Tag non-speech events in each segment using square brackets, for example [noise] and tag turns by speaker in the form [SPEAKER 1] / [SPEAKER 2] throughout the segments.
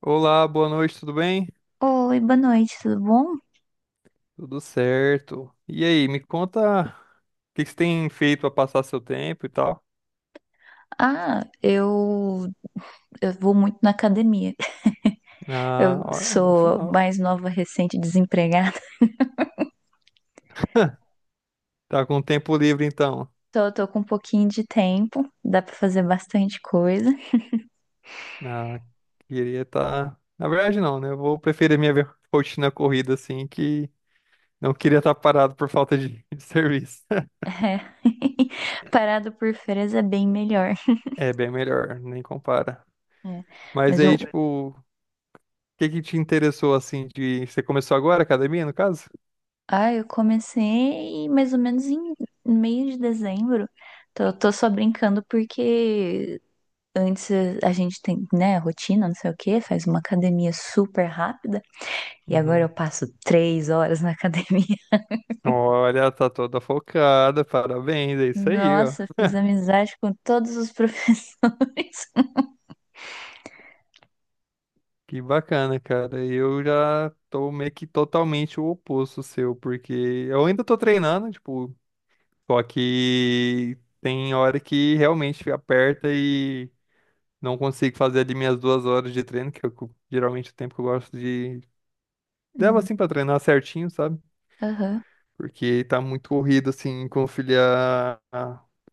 [SPEAKER 1] Olá, boa noite, tudo bem?
[SPEAKER 2] Oi, boa noite, tudo bom?
[SPEAKER 1] Tudo certo. E aí, me conta o que que você tem feito para passar seu tempo e tal?
[SPEAKER 2] Ah, eu vou muito na academia.
[SPEAKER 1] Ah,
[SPEAKER 2] Eu
[SPEAKER 1] olha, bom
[SPEAKER 2] sou
[SPEAKER 1] final.
[SPEAKER 2] mais nova, recente, desempregada.
[SPEAKER 1] Tá com tempo livre então.
[SPEAKER 2] Tô com um pouquinho de tempo, dá pra fazer bastante coisa.
[SPEAKER 1] Ah, queria estar. Na verdade, não, né? Eu vou preferir minha rotina corrida assim, que não queria estar parado por falta de, [laughs] de serviço. [laughs]
[SPEAKER 2] É. [laughs] Parado por férias é bem melhor.
[SPEAKER 1] É bem melhor, nem compara.
[SPEAKER 2] É.
[SPEAKER 1] Mas
[SPEAKER 2] Mas eu,
[SPEAKER 1] aí, tipo, o que que te interessou assim de. Você começou agora a academia, no caso?
[SPEAKER 2] ah, eu comecei mais ou menos em meio de dezembro. Tô só brincando porque antes a gente tem, né, rotina, não sei o quê, faz uma academia super rápida. E agora
[SPEAKER 1] Uhum.
[SPEAKER 2] eu passo 3 horas na academia. [laughs]
[SPEAKER 1] Olha, tá toda focada, parabéns, é isso aí, ó.
[SPEAKER 2] Nossa, fiz amizade com todos os professores. [laughs]
[SPEAKER 1] Que bacana, cara. Eu já tô meio que totalmente o oposto seu, porque eu ainda tô treinando, tipo, só que tem hora que realmente aperta e não consigo fazer ali minhas 2 horas de treino, que é o que geralmente o tempo que eu gosto de. Devo
[SPEAKER 2] Hum,
[SPEAKER 1] assim pra treinar certinho, sabe?
[SPEAKER 2] aham.
[SPEAKER 1] Porque tá muito corrido, assim, conciliar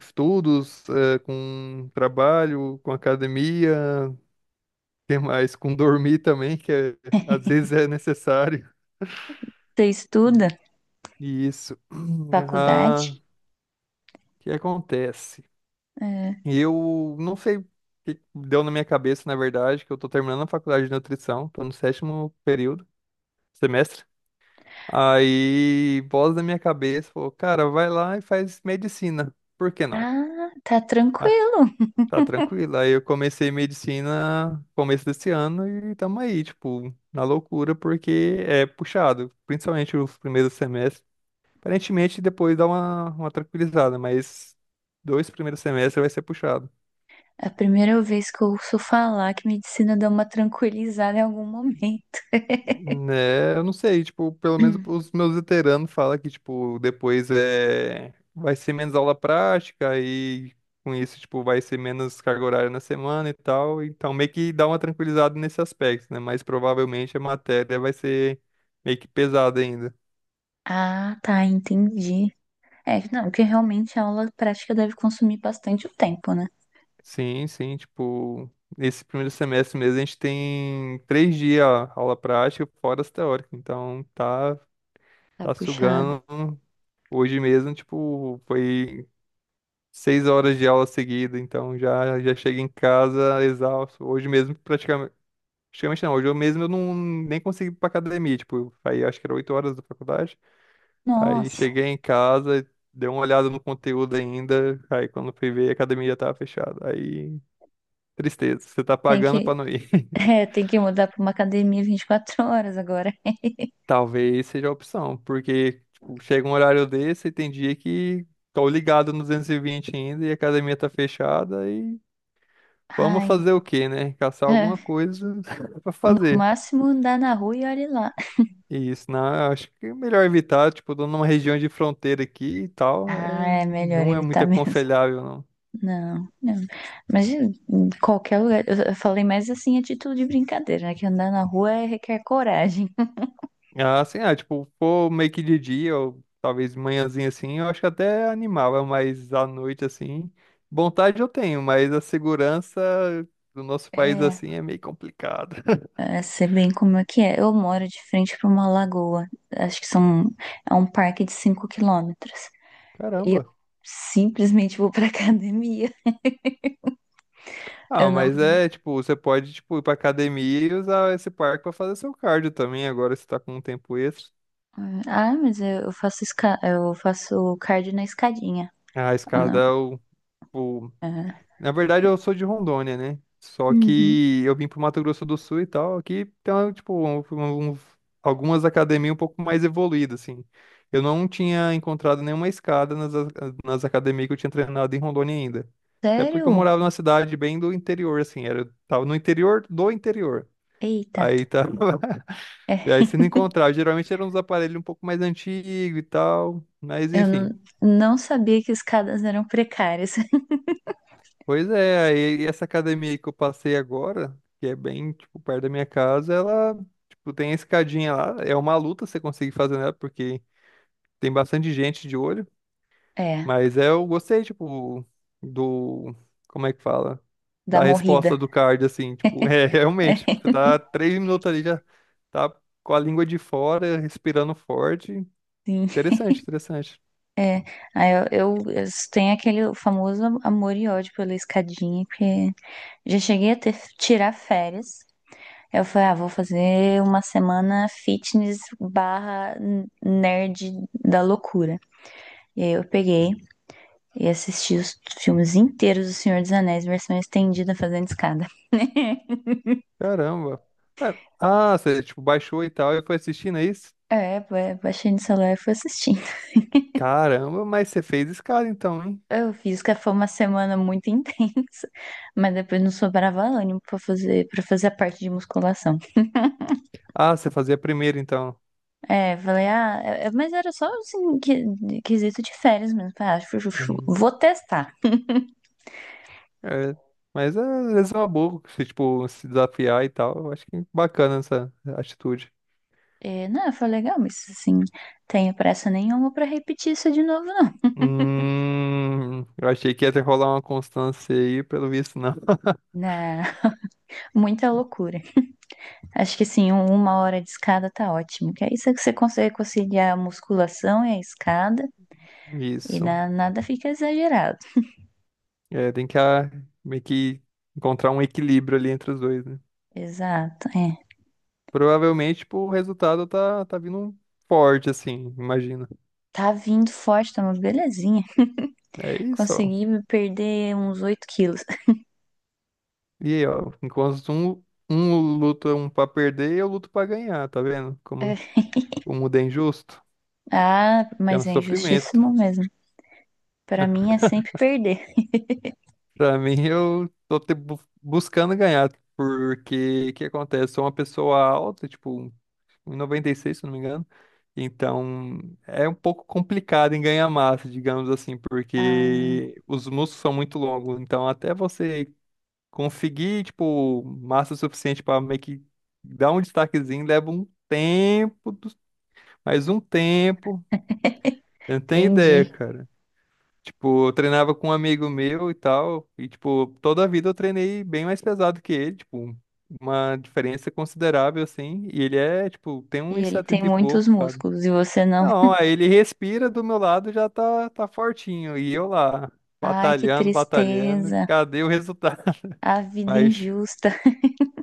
[SPEAKER 1] estudos, com trabalho, com academia. Que mais? Com dormir também, às vezes é necessário.
[SPEAKER 2] Você
[SPEAKER 1] E,
[SPEAKER 2] estuda
[SPEAKER 1] e isso. [clears throat] Ah,
[SPEAKER 2] faculdade?
[SPEAKER 1] o que acontece?
[SPEAKER 2] É.
[SPEAKER 1] Eu não sei o que deu na minha cabeça, na verdade, que eu tô terminando a faculdade de nutrição, tô no sétimo período, semestre. Aí, voz da minha cabeça falou, cara, vai lá e faz medicina. Por que não?
[SPEAKER 2] Ah, tá
[SPEAKER 1] Ah,
[SPEAKER 2] tranquilo.
[SPEAKER 1] tá tranquilo. Aí eu comecei medicina começo desse ano e tamo aí, tipo, na loucura, porque é puxado, principalmente os primeiros semestres. Aparentemente depois dá uma tranquilizada, mas dois primeiros semestres vai ser puxado.
[SPEAKER 2] É a primeira vez que eu ouço falar que medicina dá uma tranquilizada em algum momento. [clears throat]
[SPEAKER 1] Né, eu não sei, tipo, pelo menos
[SPEAKER 2] Hum.
[SPEAKER 1] os meus veteranos falam que, tipo, depois vai ser menos aula prática e com isso, tipo, vai ser menos carga horária na semana e tal. Então, meio que dá uma tranquilizada nesse aspecto, né? Mas provavelmente a matéria vai ser meio que pesada ainda.
[SPEAKER 2] Ah, tá, entendi. É, não, porque realmente a aula prática deve consumir bastante o tempo, né?
[SPEAKER 1] Sim, sim, tipo, nesse primeiro semestre mesmo a gente tem 3 dias aula prática, fora as teóricas. Então, tá,
[SPEAKER 2] Tá
[SPEAKER 1] tá
[SPEAKER 2] puxado.
[SPEAKER 1] sugando. Hoje mesmo, tipo, foi. 6 horas de aula seguida, então já chego em casa exausto. Hoje mesmo, praticamente, praticamente não, hoje eu mesmo eu não nem consegui ir pra academia, tipo, aí acho que era 8 horas da faculdade. Aí
[SPEAKER 2] Nossa,
[SPEAKER 1] cheguei em casa, dei uma olhada no conteúdo ainda, aí quando fui ver a academia já tava fechada. Aí, tristeza, você tá
[SPEAKER 2] tem
[SPEAKER 1] pagando pra
[SPEAKER 2] que,
[SPEAKER 1] não ir.
[SPEAKER 2] [laughs]
[SPEAKER 1] [laughs]
[SPEAKER 2] é, tem que mudar pra uma academia 24 horas agora.
[SPEAKER 1] Talvez seja a opção, porque tipo, chega um horário desse e tem dia que tô ligado no 220 ainda e a academia tá fechada e vamos
[SPEAKER 2] Ai,
[SPEAKER 1] fazer o quê, né? Caçar alguma
[SPEAKER 2] é,
[SPEAKER 1] coisa [laughs] pra
[SPEAKER 2] o
[SPEAKER 1] fazer.
[SPEAKER 2] máximo andar na rua e olhe lá.
[SPEAKER 1] E isso, não, eu acho que é melhor evitar, tipo, tô numa região de fronteira aqui e tal,
[SPEAKER 2] Ah, é melhor
[SPEAKER 1] não é muito
[SPEAKER 2] evitar [laughs] mesmo.
[SPEAKER 1] aconselhável, não.
[SPEAKER 2] Não, não. Mas em qualquer lugar. Eu falei mais assim a título de brincadeira, né? Que andar na rua requer coragem.
[SPEAKER 1] Ah, assim, tipo, pô, meio que de dia, ou talvez manhãzinha assim, eu acho que até animava, mas à noite, assim, vontade eu tenho, mas a segurança do nosso país,
[SPEAKER 2] É,
[SPEAKER 1] assim, é meio complicada. [laughs]
[SPEAKER 2] é, sei bem como é que é. Eu moro de frente para uma lagoa. Acho que é um parque de 5 quilômetros. E eu
[SPEAKER 1] Caramba.
[SPEAKER 2] simplesmente vou pra [laughs] academia. Eu
[SPEAKER 1] Ah,
[SPEAKER 2] não.
[SPEAKER 1] mas é, tipo, você pode, tipo, ir pra academia e usar esse parque pra fazer seu cardio também, agora você tá com um tempo extra.
[SPEAKER 2] Ah, mas eu faço cardio na escadinha.
[SPEAKER 1] A
[SPEAKER 2] Ah,
[SPEAKER 1] escada,
[SPEAKER 2] não.
[SPEAKER 1] eu, o...
[SPEAKER 2] É.
[SPEAKER 1] na verdade,
[SPEAKER 2] é,
[SPEAKER 1] eu sou de Rondônia, né? Só
[SPEAKER 2] Uhum.
[SPEAKER 1] que eu vim pro Mato Grosso do Sul e tal, aqui tem, uma, tipo, algumas academias um pouco mais evoluídas, assim. Eu não tinha encontrado nenhuma escada nas academias que eu tinha treinado em Rondônia ainda. Até porque eu
[SPEAKER 2] Sério?
[SPEAKER 1] morava numa cidade bem do interior, assim, tava no interior do interior.
[SPEAKER 2] Eita.
[SPEAKER 1] Aí tá. [laughs]
[SPEAKER 2] É,
[SPEAKER 1] E aí, se não
[SPEAKER 2] [laughs]
[SPEAKER 1] encontrava, geralmente eram uns aparelhos um pouco mais antigos e tal. Mas
[SPEAKER 2] eu não,
[SPEAKER 1] enfim.
[SPEAKER 2] não sabia que escadas eram precárias. [laughs]
[SPEAKER 1] Pois é, aí essa academia aí que eu passei agora, que é bem, tipo, perto da minha casa, ela, tipo, tem a escadinha lá. É uma luta você conseguir fazer nela, porque tem bastante gente de olho.
[SPEAKER 2] É,
[SPEAKER 1] Mas é, eu gostei, tipo, do. Como é que fala?
[SPEAKER 2] da
[SPEAKER 1] Da
[SPEAKER 2] morrida.
[SPEAKER 1] resposta do card, assim, tipo, [laughs] é realmente, tipo, você
[SPEAKER 2] [laughs]
[SPEAKER 1] tá 3 minutos ali já tá com a língua de fora, respirando forte.
[SPEAKER 2] Sim,
[SPEAKER 1] Interessante, interessante.
[SPEAKER 2] é. Aí eu tenho aquele famoso amor e ódio pela escadinha, porque já cheguei a tirar férias. Eu falei, ah, vou fazer uma semana fitness barra nerd da loucura. E aí e assisti os filmes inteiros do Senhor dos Anéis, versão estendida, fazendo escada. [laughs]
[SPEAKER 1] Caramba. É, ah, você, tipo, baixou e tal e foi assistindo, é isso?
[SPEAKER 2] é, baixei no celular e fui assistindo.
[SPEAKER 1] Caramba, mas você fez escala então, hein?
[SPEAKER 2] Eu fiz que foi uma semana muito intensa, mas depois não sobrava ânimo para fazer a parte de musculação.
[SPEAKER 1] Ah, você fazia primeiro então.
[SPEAKER 2] É, falei, ah, mas era só assim, quesito de férias mesmo. Falei, ah,
[SPEAKER 1] Uhum.
[SPEAKER 2] vou testar.
[SPEAKER 1] É, mas é, às vezes é uma boa, você, tipo, se desafiar e tal. Eu acho que é bacana essa atitude.
[SPEAKER 2] E, não, foi legal, mas assim, tenho pressa nenhuma pra repetir isso de novo, não.
[SPEAKER 1] Eu achei que ia ter que rolar uma constância aí, pelo visto, não. [laughs]
[SPEAKER 2] Na, [laughs] muita loucura. Acho que assim, uma hora de escada tá ótimo, que aí você consegue conciliar a musculação e a escada e
[SPEAKER 1] Isso.
[SPEAKER 2] nada fica exagerado.
[SPEAKER 1] É, tem que meio que encontrar um equilíbrio ali entre os dois, né?
[SPEAKER 2] Exato, é.
[SPEAKER 1] Provavelmente, tipo, o resultado tá vindo forte, assim, imagino.
[SPEAKER 2] Tá vindo forte, tá uma belezinha.
[SPEAKER 1] É isso, ó.
[SPEAKER 2] Consegui perder uns 8 quilos. [laughs]
[SPEAKER 1] E aí, ó, enquanto um, luta um pra perder, eu luto pra ganhar, tá vendo? Como
[SPEAKER 2] É.
[SPEAKER 1] o mundo é injusto,
[SPEAKER 2] Ah,
[SPEAKER 1] que é um
[SPEAKER 2] mas é
[SPEAKER 1] sofrimento.
[SPEAKER 2] injustíssimo mesmo. Pra mim é sempre perder.
[SPEAKER 1] Pra mim, eu tô buscando ganhar, porque o que acontece? Sou uma pessoa alta, tipo, 1,96, se não me engano. Então, é um pouco complicado em ganhar massa, digamos assim,
[SPEAKER 2] Ah,
[SPEAKER 1] porque os músculos são muito longos. Então, até você conseguir, tipo, massa suficiente para meio que dar um destaquezinho leva um tempo, mais um tempo. Eu não tenho ideia,
[SPEAKER 2] entendi.
[SPEAKER 1] cara. Tipo, eu treinava com um amigo meu e tal, e, tipo, toda a vida eu treinei bem mais pesado que ele, tipo, uma diferença considerável, assim, e ele é, tipo, tem
[SPEAKER 2] E
[SPEAKER 1] uns
[SPEAKER 2] ele tem
[SPEAKER 1] 70 e pouco,
[SPEAKER 2] muitos
[SPEAKER 1] sabe?
[SPEAKER 2] músculos e você não.
[SPEAKER 1] Não, aí ele respira do meu lado já tá fortinho, e eu lá,
[SPEAKER 2] Ai, que
[SPEAKER 1] batalhando, batalhando,
[SPEAKER 2] tristeza.
[SPEAKER 1] cadê o resultado? [laughs]
[SPEAKER 2] A vida
[SPEAKER 1] Mas
[SPEAKER 2] injusta.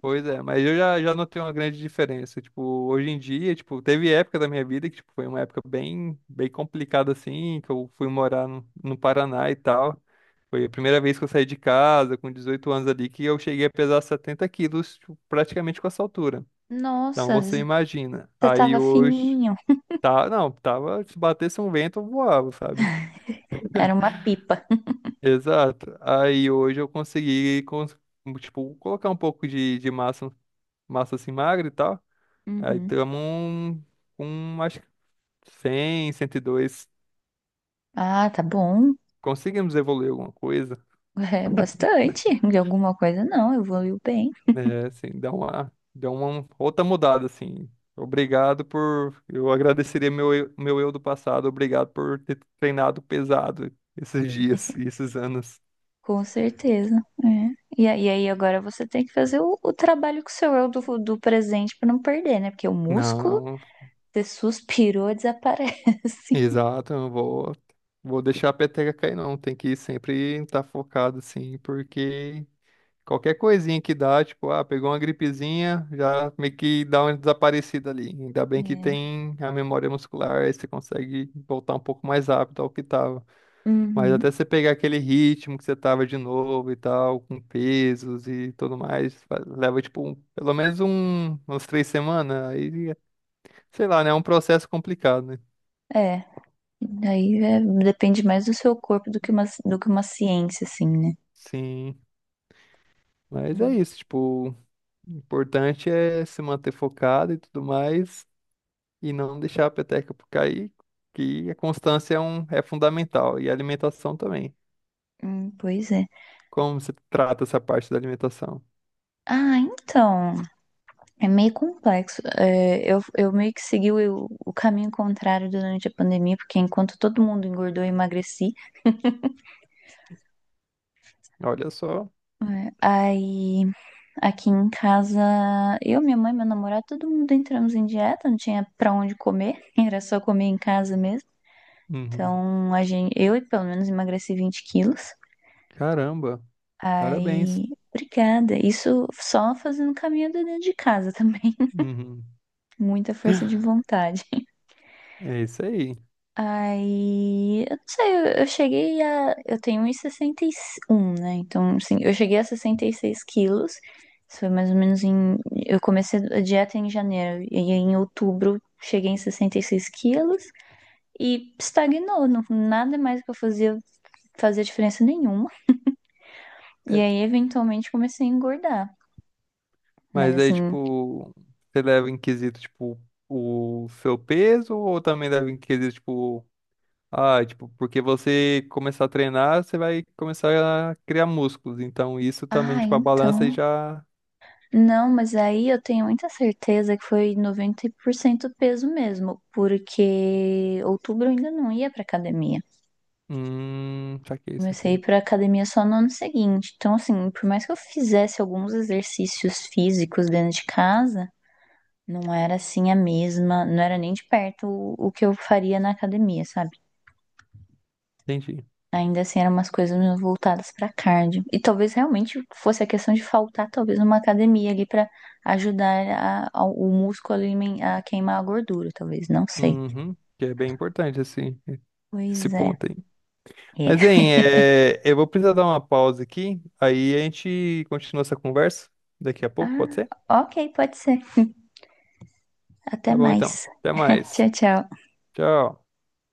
[SPEAKER 1] Pois é, mas eu já notei uma grande diferença. Tipo, hoje em dia, tipo, teve época da minha vida que tipo, foi uma época bem, bem complicada, assim, que eu fui morar no Paraná e tal. Foi a primeira vez que eu saí de casa, com 18 anos ali, que eu cheguei a pesar 70 quilos, tipo, praticamente com essa altura. Então,
[SPEAKER 2] Nossa,
[SPEAKER 1] você imagina.
[SPEAKER 2] você
[SPEAKER 1] Aí
[SPEAKER 2] tava
[SPEAKER 1] hoje,
[SPEAKER 2] fininho.
[SPEAKER 1] tá, não, tava, se batesse um vento, eu voava, sabe?
[SPEAKER 2] Era uma pipa.
[SPEAKER 1] Exato. Aí hoje eu consegui, tipo, colocar um pouco de massa assim magra e tal. Aí
[SPEAKER 2] Uhum.
[SPEAKER 1] estamos com acho que 100, 102.
[SPEAKER 2] Ah, tá bom.
[SPEAKER 1] Conseguimos evoluir alguma coisa,
[SPEAKER 2] [laughs] É bastante. De alguma coisa, não. Evoluiu bem.
[SPEAKER 1] né? Assim, dá uma, deu uma outra mudada, assim. Obrigado por. Eu agradeceria meu eu do passado, obrigado por ter treinado pesado esses Sim. dias e esses anos.
[SPEAKER 2] Com certeza. É. E aí agora você tem que fazer o trabalho com o seu eu do presente pra não perder, né? Porque o
[SPEAKER 1] Não,
[SPEAKER 2] músculo,
[SPEAKER 1] não.
[SPEAKER 2] você suspirou, desaparece. [laughs]
[SPEAKER 1] Exato, eu não vou deixar a peteca cair, não. Tem que sempre estar focado, assim, porque. Qualquer coisinha que dá, tipo, pegou uma gripezinha, já meio que dá uma desaparecida ali. Ainda bem que
[SPEAKER 2] É.
[SPEAKER 1] tem a memória muscular, aí você consegue voltar um pouco mais rápido ao que tava. Mas
[SPEAKER 2] Uhum.
[SPEAKER 1] até você pegar aquele ritmo que você tava de novo e tal, com pesos e tudo mais, leva, tipo, pelo menos um, umas 3 semanas. Aí, sei lá, né? É um processo complicado, né?
[SPEAKER 2] É. Daí é, depende mais do seu corpo do que uma, ciência, assim, né?
[SPEAKER 1] Sim, mas é
[SPEAKER 2] É.
[SPEAKER 1] isso, tipo, o importante é se manter focado e tudo mais. E não deixar a peteca por cair, que a constância é fundamental e a alimentação também.
[SPEAKER 2] Pois é.
[SPEAKER 1] Como você trata essa parte da alimentação?
[SPEAKER 2] Ah, então. É meio complexo. É, eu meio que segui o caminho contrário durante a pandemia, porque enquanto todo mundo engordou, eu emagreci.
[SPEAKER 1] Olha só.
[SPEAKER 2] É, aí aqui em casa, eu, minha mãe, meu namorado, todo mundo entramos em dieta, não tinha pra onde comer, [laughs] era só comer em casa mesmo.
[SPEAKER 1] Uhum.
[SPEAKER 2] Então, eu pelo menos emagreci 20 quilos.
[SPEAKER 1] Caramba, parabéns.
[SPEAKER 2] Aí, obrigada. Isso só fazendo caminhada dentro de casa também. [laughs]
[SPEAKER 1] Uhum.
[SPEAKER 2] Muita força de vontade.
[SPEAKER 1] É isso aí.
[SPEAKER 2] Aí, eu não sei, eu cheguei a. Eu tenho 1,61, né? Então, assim, eu cheguei a 66 quilos. Isso foi mais ou menos em. Eu comecei a dieta em janeiro, e aí em outubro cheguei em 66 quilos e estagnou. Não, nada mais que eu fazia diferença nenhuma. E
[SPEAKER 1] É,
[SPEAKER 2] aí, eventualmente, comecei a engordar. Mas
[SPEAKER 1] mas aí,
[SPEAKER 2] assim,
[SPEAKER 1] tipo, você leva em quesito, tipo, o seu peso ou também leva em quesito, tipo, tipo, porque você começar a treinar, você vai começar a criar músculos. Então, isso também,
[SPEAKER 2] ah,
[SPEAKER 1] tipo, a balança
[SPEAKER 2] então.
[SPEAKER 1] já.
[SPEAKER 2] Não, mas aí eu tenho muita certeza que foi 90% peso mesmo, porque outubro eu ainda não ia pra academia.
[SPEAKER 1] Saquei,
[SPEAKER 2] Comecei a ir
[SPEAKER 1] saquei.
[SPEAKER 2] pra academia só no ano seguinte. Então, assim, por mais que eu fizesse alguns exercícios físicos dentro de casa, não era assim a mesma, não era nem de perto o que eu faria na academia, sabe?
[SPEAKER 1] Entendi.
[SPEAKER 2] Ainda assim, eram umas coisas meio voltadas pra cardio. E talvez realmente fosse a questão de faltar, talvez, uma academia ali pra ajudar o músculo ali a queimar a gordura, talvez. Não sei.
[SPEAKER 1] Uhum, que é bem importante assim, esse
[SPEAKER 2] Pois é.
[SPEAKER 1] ponto aí.
[SPEAKER 2] É.
[SPEAKER 1] Mas, hein, eu vou precisar dar uma pausa aqui, aí a gente continua essa conversa daqui a pouco, pode
[SPEAKER 2] Ah,
[SPEAKER 1] ser?
[SPEAKER 2] ok, pode ser. Até
[SPEAKER 1] Tá bom, então.
[SPEAKER 2] mais.
[SPEAKER 1] Até mais.
[SPEAKER 2] Tchau, tchau.
[SPEAKER 1] Tchau.